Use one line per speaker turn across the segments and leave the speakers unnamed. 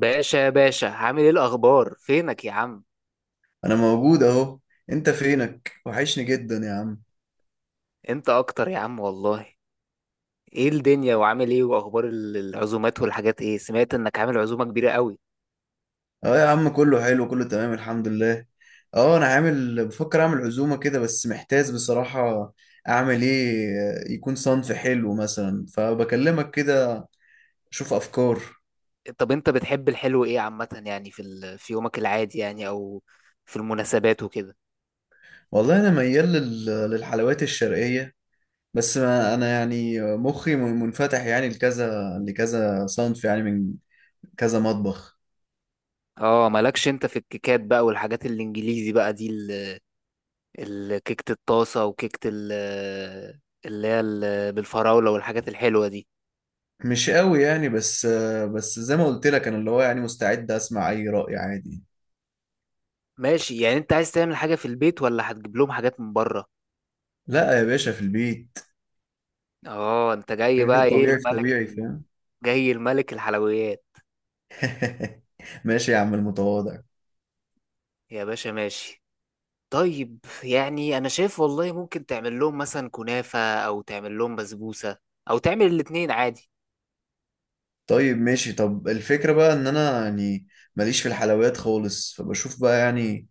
باشا باشا، عامل ايه الاخبار؟ فينك يا عم؟
انا موجود اهو. انت فينك؟ وحشني جدا يا عم.
انت اكتر يا عم والله. ايه الدنيا وعامل ايه؟ واخبار العزومات والحاجات، ايه؟ سمعت انك عامل عزومة كبيرة قوي.
اه يا عم، كله حلو، كله تمام الحمد لله. اه انا عامل بفكر اعمل عزومة كده، بس محتاج بصراحة اعمل ايه. يكون صنف حلو مثلا، فبكلمك كده. شوف افكار.
طب انت بتحب الحلو ايه عامة؟ يعني في ال... في يومك العادي يعني او في المناسبات وكده؟
والله انا ميال للحلويات الشرقية. بس ما انا يعني مخي منفتح يعني لكذا صنف، يعني من كذا مطبخ.
اه مالكش انت في الكيكات بقى والحاجات الانجليزي بقى دي، ال... كيكة الطاسة وكيكة ال... اللي هي ال... بالفراولة والحاجات الحلوة دي.
مش قوي يعني، بس بس زي ما قلت لك، انا اللي هو يعني مستعد اسمع اي رأي عادي.
ماشي، يعني انت عايز تعمل حاجة في البيت ولا هتجيب لهم حاجات من بره؟
لا يا باشا، في البيت.
اه، انت جاي
حاجات
بقى ايه
الطبيعي في
الملك
طبيعي،
ال...
فاهم.
جاي الملك الحلويات.
ماشي يا عم المتواضع.
يا باشا ماشي. طيب، يعني انا شايف والله ممكن تعمل لهم مثلا كنافة او تعمل لهم بسبوسة، او تعمل الاتنين عادي.
طيب ماشي، طب الفكرة بقى ان انا يعني ماليش في الحلويات خالص، فبشوف بقى يعني،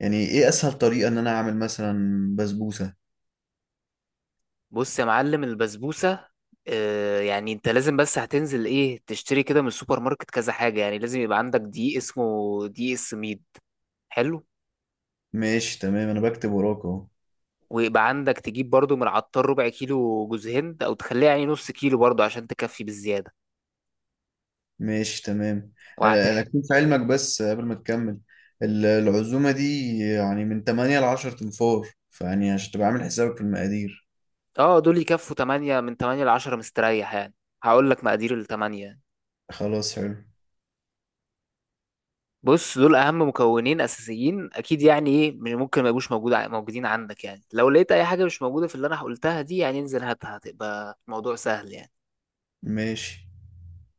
يعني ايه اسهل طريقة ان انا اعمل مثلا بسبوسة.
بص يا معلم البسبوسة، آه يعني انت لازم بس هتنزل ايه تشتري كده من السوبر ماركت كذا حاجة، يعني لازم يبقى عندك دقيق اسمه دقيق السميد. حلو.
ماشي تمام، انا بكتب وراك اهو.
ويبقى عندك تجيب برضو من العطار ربع كيلو جوز هند، او تخليها يعني نص كيلو برضو عشان تكفي بالزيادة.
ماشي تمام. انا
وهت...
اكون في علمك بس قبل ما تكمل، العزومة دي يعني من 8 ل 10 تنفار، فيعني عشان تبقى عامل حسابك في المقادير.
اه دول يكفوا 8، من 8 ل 10 مستريح يعني. هقول لك مقادير الثمانية يعني.
خلاص حلو.
بص، دول اهم مكونين اساسيين اكيد، يعني ايه ممكن ما يبقوش موجودين عندك، يعني لو لقيت اي حاجة مش موجودة في اللي انا قلتها دي، يعني انزل هاتها، هتبقى موضوع سهل يعني.
ماشي.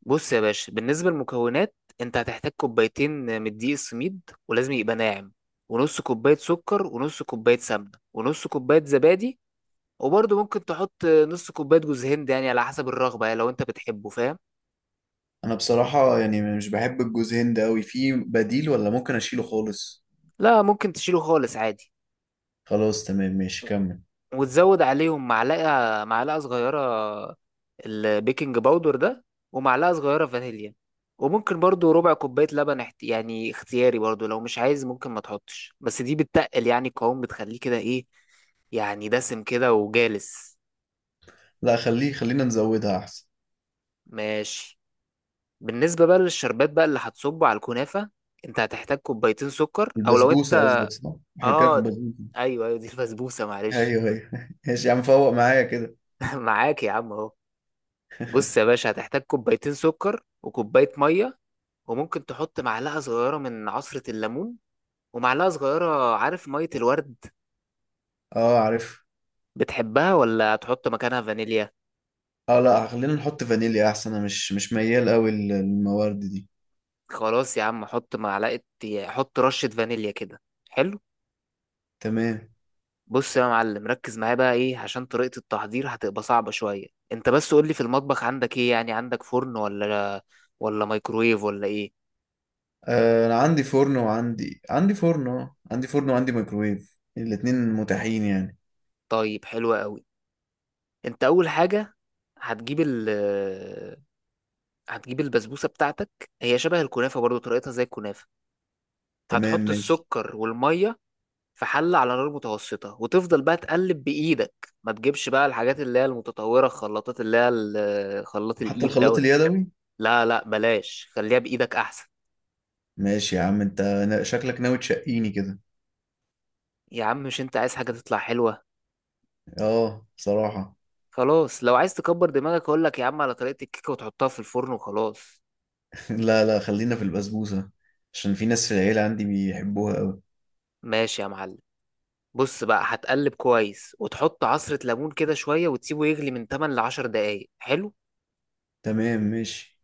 بص يا باشا، بالنسبة للمكونات، انت هتحتاج كوبايتين من الدقيق السميد، ولازم يبقى ناعم، ونص كوباية سكر، ونص كوباية سمنة، ونص كوباية زبادي. وبرضه ممكن تحط نص كوباية جوز هند يعني على حسب الرغبة، يعني لو انت بتحبه فاهم.
انا بصراحة يعني مش بحب الجوز هند قوي، في بديل ولا ممكن اشيله خالص؟
لا ممكن تشيله خالص عادي.
خلاص تمام، ماشي كمل.
وتزود عليهم معلقة صغيرة البيكنج باودر ده، ومعلقة صغيرة فانيليا. وممكن برضو ربع كوباية لبن احت... يعني اختياري برضو، لو مش عايز ممكن ما تحطش، بس دي بتتقل يعني القوام، بتخليه كده ايه، يعني دسم كده وجالس.
لا خليه، خلينا نزودها احسن.
ماشي. بالنسبة بقى للشربات بقى اللي هتصبه على الكنافة، انت هتحتاج كوبايتين سكر، او لو
البسبوسة
انت
قصدك صح؟ احنا بنتكلم في
اه
البسبوسة.
ايوه ايوه، دي البسبوسة معلش.
ايوه ايوه، ماشي يا عم فوق معايا كده.
معاك يا عم اهو. بص يا باشا، هتحتاج كوبايتين سكر وكوباية مية، وممكن تحط معلقة صغيرة من عصرة الليمون، ومعلقة صغيرة عارف، مية الورد.
اه عارف.
بتحبها ولا هتحط مكانها فانيليا؟
اه لا، خلينا نحط فانيليا احسن، انا مش ميال قوي للموارد دي.
خلاص يا عم، حط معلقة، حط رشة فانيليا كده. حلو.
تمام.
بص يا معلم، ركز معايا بقى ايه، عشان طريقة التحضير هتبقى صعبة شوية. انت بس قولي في المطبخ عندك ايه؟ يعني عندك فرن ولا مايكرويف ولا ايه؟
انا عندي فرن وعندي فرن، عندي فرن وعندي ميكروويف، الاتنين متاحين يعني.
طيب حلو قوي. انت اول حاجة هتجيب هتجيب البسبوسة بتاعتك، هي شبه الكنافة برضو، طريقتها زي الكنافة.
تمام
هتحط
ماشي.
السكر والمية في حلة على نار متوسطة، وتفضل بقى تقلب بإيدك، ما تجيبش بقى الحاجات اللي هي المتطورة، الخلاطات اللي هي خلاط
حتى
الإيد
الخلاط
دول.
اليدوي؟
لا لا بلاش، خليها بإيدك أحسن.
ماشي يا عم، انت شكلك ناوي تشقيني كده.
يا عم مش أنت عايز حاجة تطلع حلوة؟
اه بصراحة.
خلاص لو عايز تكبر دماغك أقول لك يا عم على طريقة الكيكة وتحطها في الفرن وخلاص.
لا لا، خلينا في البسبوسة، عشان في ناس في العيلة عندي بيحبوها قوي.
ماشي يا معلم. بص بقى، هتقلب كويس وتحط عصرة ليمون كده شوية، وتسيبه يغلي من 8 ل 10 دقايق. حلو.
تمام ماشي.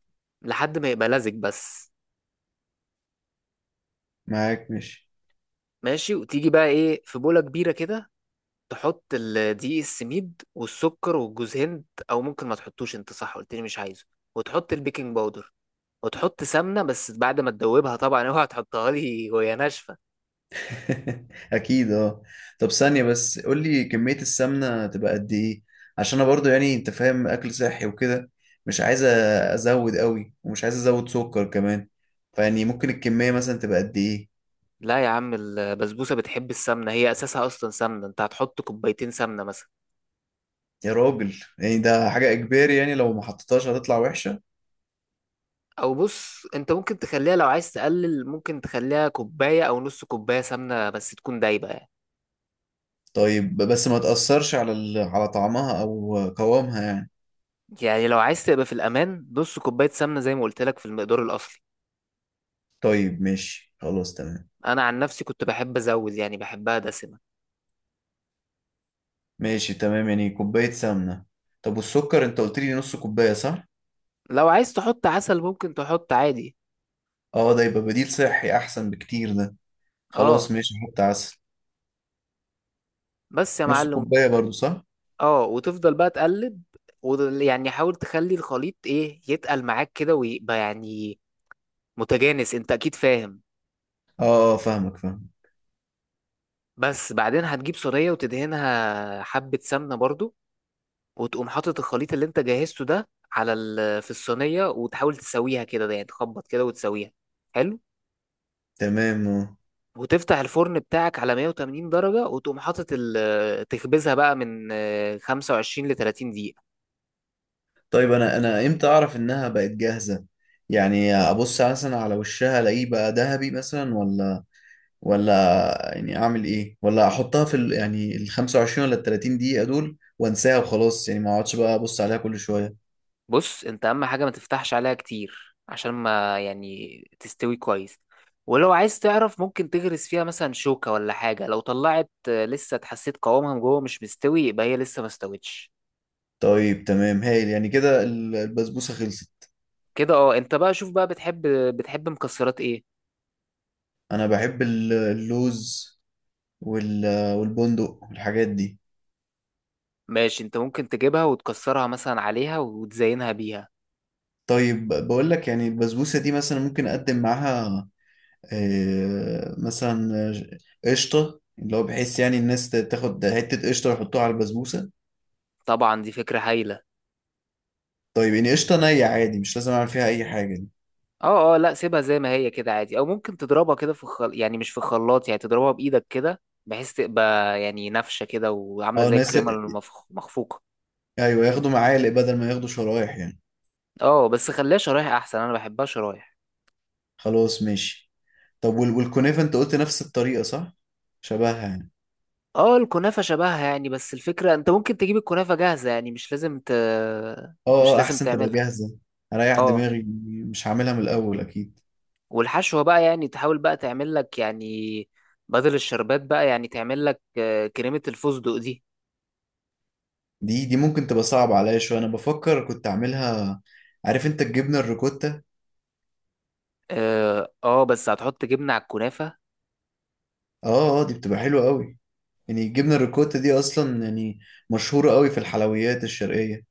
لحد ما يبقى لزج بس.
معاك ماشي.
ماشي. وتيجي بقى ايه في بولة كبيرة كده، تحط دقيق السميد والسكر والجوز هند، او ممكن ما تحطوش، انت صح قلت لي مش عايزه. وتحط البيكنج باودر، وتحط سمنة بس بعد ما تدوبها طبعا. اوعى تحطها لي وهي ناشفة.
اكيد اه. طب ثانية بس، قول لي كمية السمنة تبقى قد ايه؟ عشان انا برضو يعني انت فاهم، اكل صحي وكده، مش عايز ازود قوي، ومش عايز ازود سكر كمان، فيعني ممكن الكمية مثلا تبقى قد ايه؟
لا يا عم البسبوسة بتحب السمنة، هي اساسها اصلا سمنة، انت هتحط كوبايتين سمنة مثلا.
يا راجل، يعني ده حاجة اجباري؟ يعني لو ما حطيتهاش هتطلع وحشة؟
او بص، انت ممكن تخليها لو عايز تقلل، ممكن تخليها كوباية او نص كوباية سمنة بس تكون دايبة يعني.
طيب بس ما تأثرش على على طعمها أو قوامها يعني.
يعني لو عايز تبقى في الأمان، نص كوباية سمنة زي ما قلت لك في المقدار الأصلي.
طيب ماشي، خلاص تمام.
أنا عن نفسي كنت بحب أزود، يعني بحبها دسمة.
ماشي تمام، يعني كوباية سمنة. طب والسكر، أنت قلت لي نص كوباية صح؟
لو عايز تحط عسل ممكن تحط عادي.
اه ده يبقى بديل صحي أحسن بكتير ده. خلاص
اه،
ماشي، حط عسل.
بس يا
نص
معلم.
كوباية برضو صح؟
اه، وتفضل بقى تقلب، ويعني حاول تخلي الخليط ايه يتقل معاك كده، ويبقى يعني متجانس، انت اكيد فاهم.
اه اه، فاهمك فاهم.
بس بعدين هتجيب صينية وتدهنها حبة سمنة برضو، وتقوم حاطط الخليط اللي انت جهزته ده على ال... في الصينية، وتحاول تسويها كده يعني، تخبط كده وتسويها. حلو.
تمام اه.
وتفتح الفرن بتاعك على 180 درجة، وتقوم حاطط تخبزها بقى من 25 ل 30 دقيقة.
طيب أنا إمتى أعرف إنها بقت جاهزة؟ يعني أبص مثلا على وشها، ألاقيه بقى ذهبي مثلا ولا؟ ولا يعني اعمل ايه؟ ولا احطها في ال يعني ال 25 ولا ال 30 دقيقة دول وانساها وخلاص، يعني ما اقعدش بقى ابص عليها كل شوية؟
بص انت، اهم حاجة ما تفتحش عليها كتير عشان ما يعني تستوي كويس. ولو عايز تعرف، ممكن تغرس فيها مثلا شوكة ولا حاجة، لو طلعت لسه اتحسيت قوامها من جوه مش مستوي، يبقى هي لسه ما استوتش.
طيب تمام هايل، يعني كده البسبوسة خلصت.
كده اه. انت بقى شوف بقى، بتحب مكسرات ايه؟
انا بحب اللوز وال والبندق والحاجات دي.
ماشي، انت ممكن تجيبها وتكسرها مثلا عليها وتزينها بيها.
طيب بقول لك، يعني البسبوسة دي مثلا ممكن اقدم معاها مثلا قشطة، اللي هو بحيث يعني الناس تاخد حتة قشطة ويحطوها على البسبوسة.
طبعا دي فكرة هايلة.
طيب يعني قشطة نية عادي؟ مش لازم اعمل فيها اي حاجة دي؟
اه اه، لا سيبها زي ما هي كده عادي، او ممكن تضربها كده في الخل... يعني مش في الخلاط، يعني تضربها بايدك كده، بحيث تبقى يعني نافشه كده، وعامله
اه
زي
ناس،
الكريمه المخفوقه.
ايوه ياخدوا معالق بدل ما ياخدوا شرايح يعني.
اه بس خليها شرايح احسن، انا بحبها شرايح.
خلاص ماشي. طب والكنافة انت قلت نفس الطريقة صح؟ شبهها يعني.
اه الكنافه شبهها يعني، بس الفكره انت ممكن تجيب الكنافه جاهزه يعني، مش لازم ت... مش
اه اه،
لازم
احسن تبقى
تعملها.
جاهزة، اريح
اه
دماغي. مش هعملها من الاول اكيد.
والحشوه بقى، يعني تحاول بقى تعمل لك يعني، بدل الشربات بقى، يعني تعمل لك كريمه الفستق دي.
دي ممكن تبقى صعبة عليا شوية، انا بفكر كنت اعملها. عارف انت الجبنة الريكوتا؟
اه بس هتحط جبنه على الكنافه؟
اه اه، دي بتبقى حلوة قوي. يعني الجبنة الريكوتا دي اصلا يعني مشهورة قوي في الحلويات الشرقية.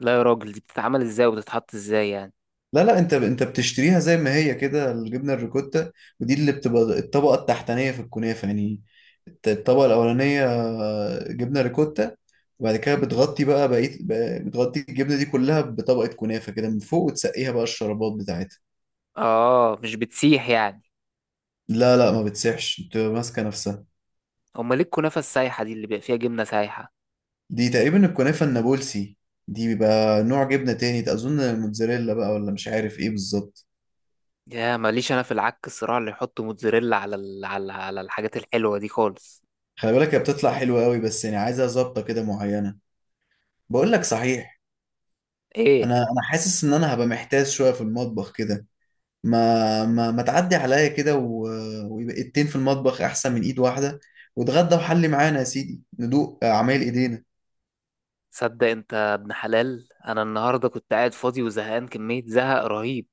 لا يا راجل دي بتتعمل ازاي وبتتحط ازاي يعني؟
لا لا، انت بتشتريها زي ما هي كده الجبنه الريكوتا. ودي اللي بتبقى الطبقه التحتانيه في الكنافه يعني. الطبقه الاولانيه جبنه ريكوتا. وبعد كده بتغطي بقى بقيه بقى- بتغطي الجبنه دي كلها بطبقه كنافه كده من فوق، وتسقيها بقى الشربات بتاعتها.
اه مش بتسيح يعني؟
لا لا، ما بتسيحش، بتبقى ماسكه نفسها.
امال ليه الكنافه السايحه دي اللي بيبقى فيها جبنه سايحه؟
دي تقريبا الكنافه النابلسي. دي بيبقى نوع جبنه تاني ده، اظن الموتزاريلا بقى، ولا مش عارف ايه بالظبط.
يا ماليش انا في العك الصراع اللي يحط موتزاريلا على ال... على الحاجات الحلوه دي خالص.
خلي بالك، هي بتطلع حلوه قوي، بس يعني عايزها ظابطه كده معينه. بقول لك صحيح،
ايه؟
انا حاسس ان انا هبقى محتاس شويه في المطبخ كده. ما تعدي عليا كده ويبقى ايدتين في المطبخ احسن من ايد واحده، واتغدى وحلي معانا يا سيدي ندوق اعمال ايدينا.
صدق انت يا ابن حلال، انا النهارده كنت قاعد فاضي وزهقان كميه زهق رهيب.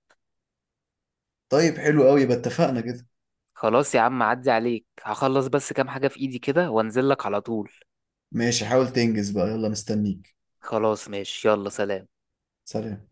طيب حلو قوي، يبقى اتفقنا كده.
خلاص يا عم، عدي عليك هخلص بس كام حاجه في ايدي كده وانزل لك على طول.
ماشي، حاول تنجز بقى، يلا مستنيك.
خلاص ماشي، يلا سلام.
سلام.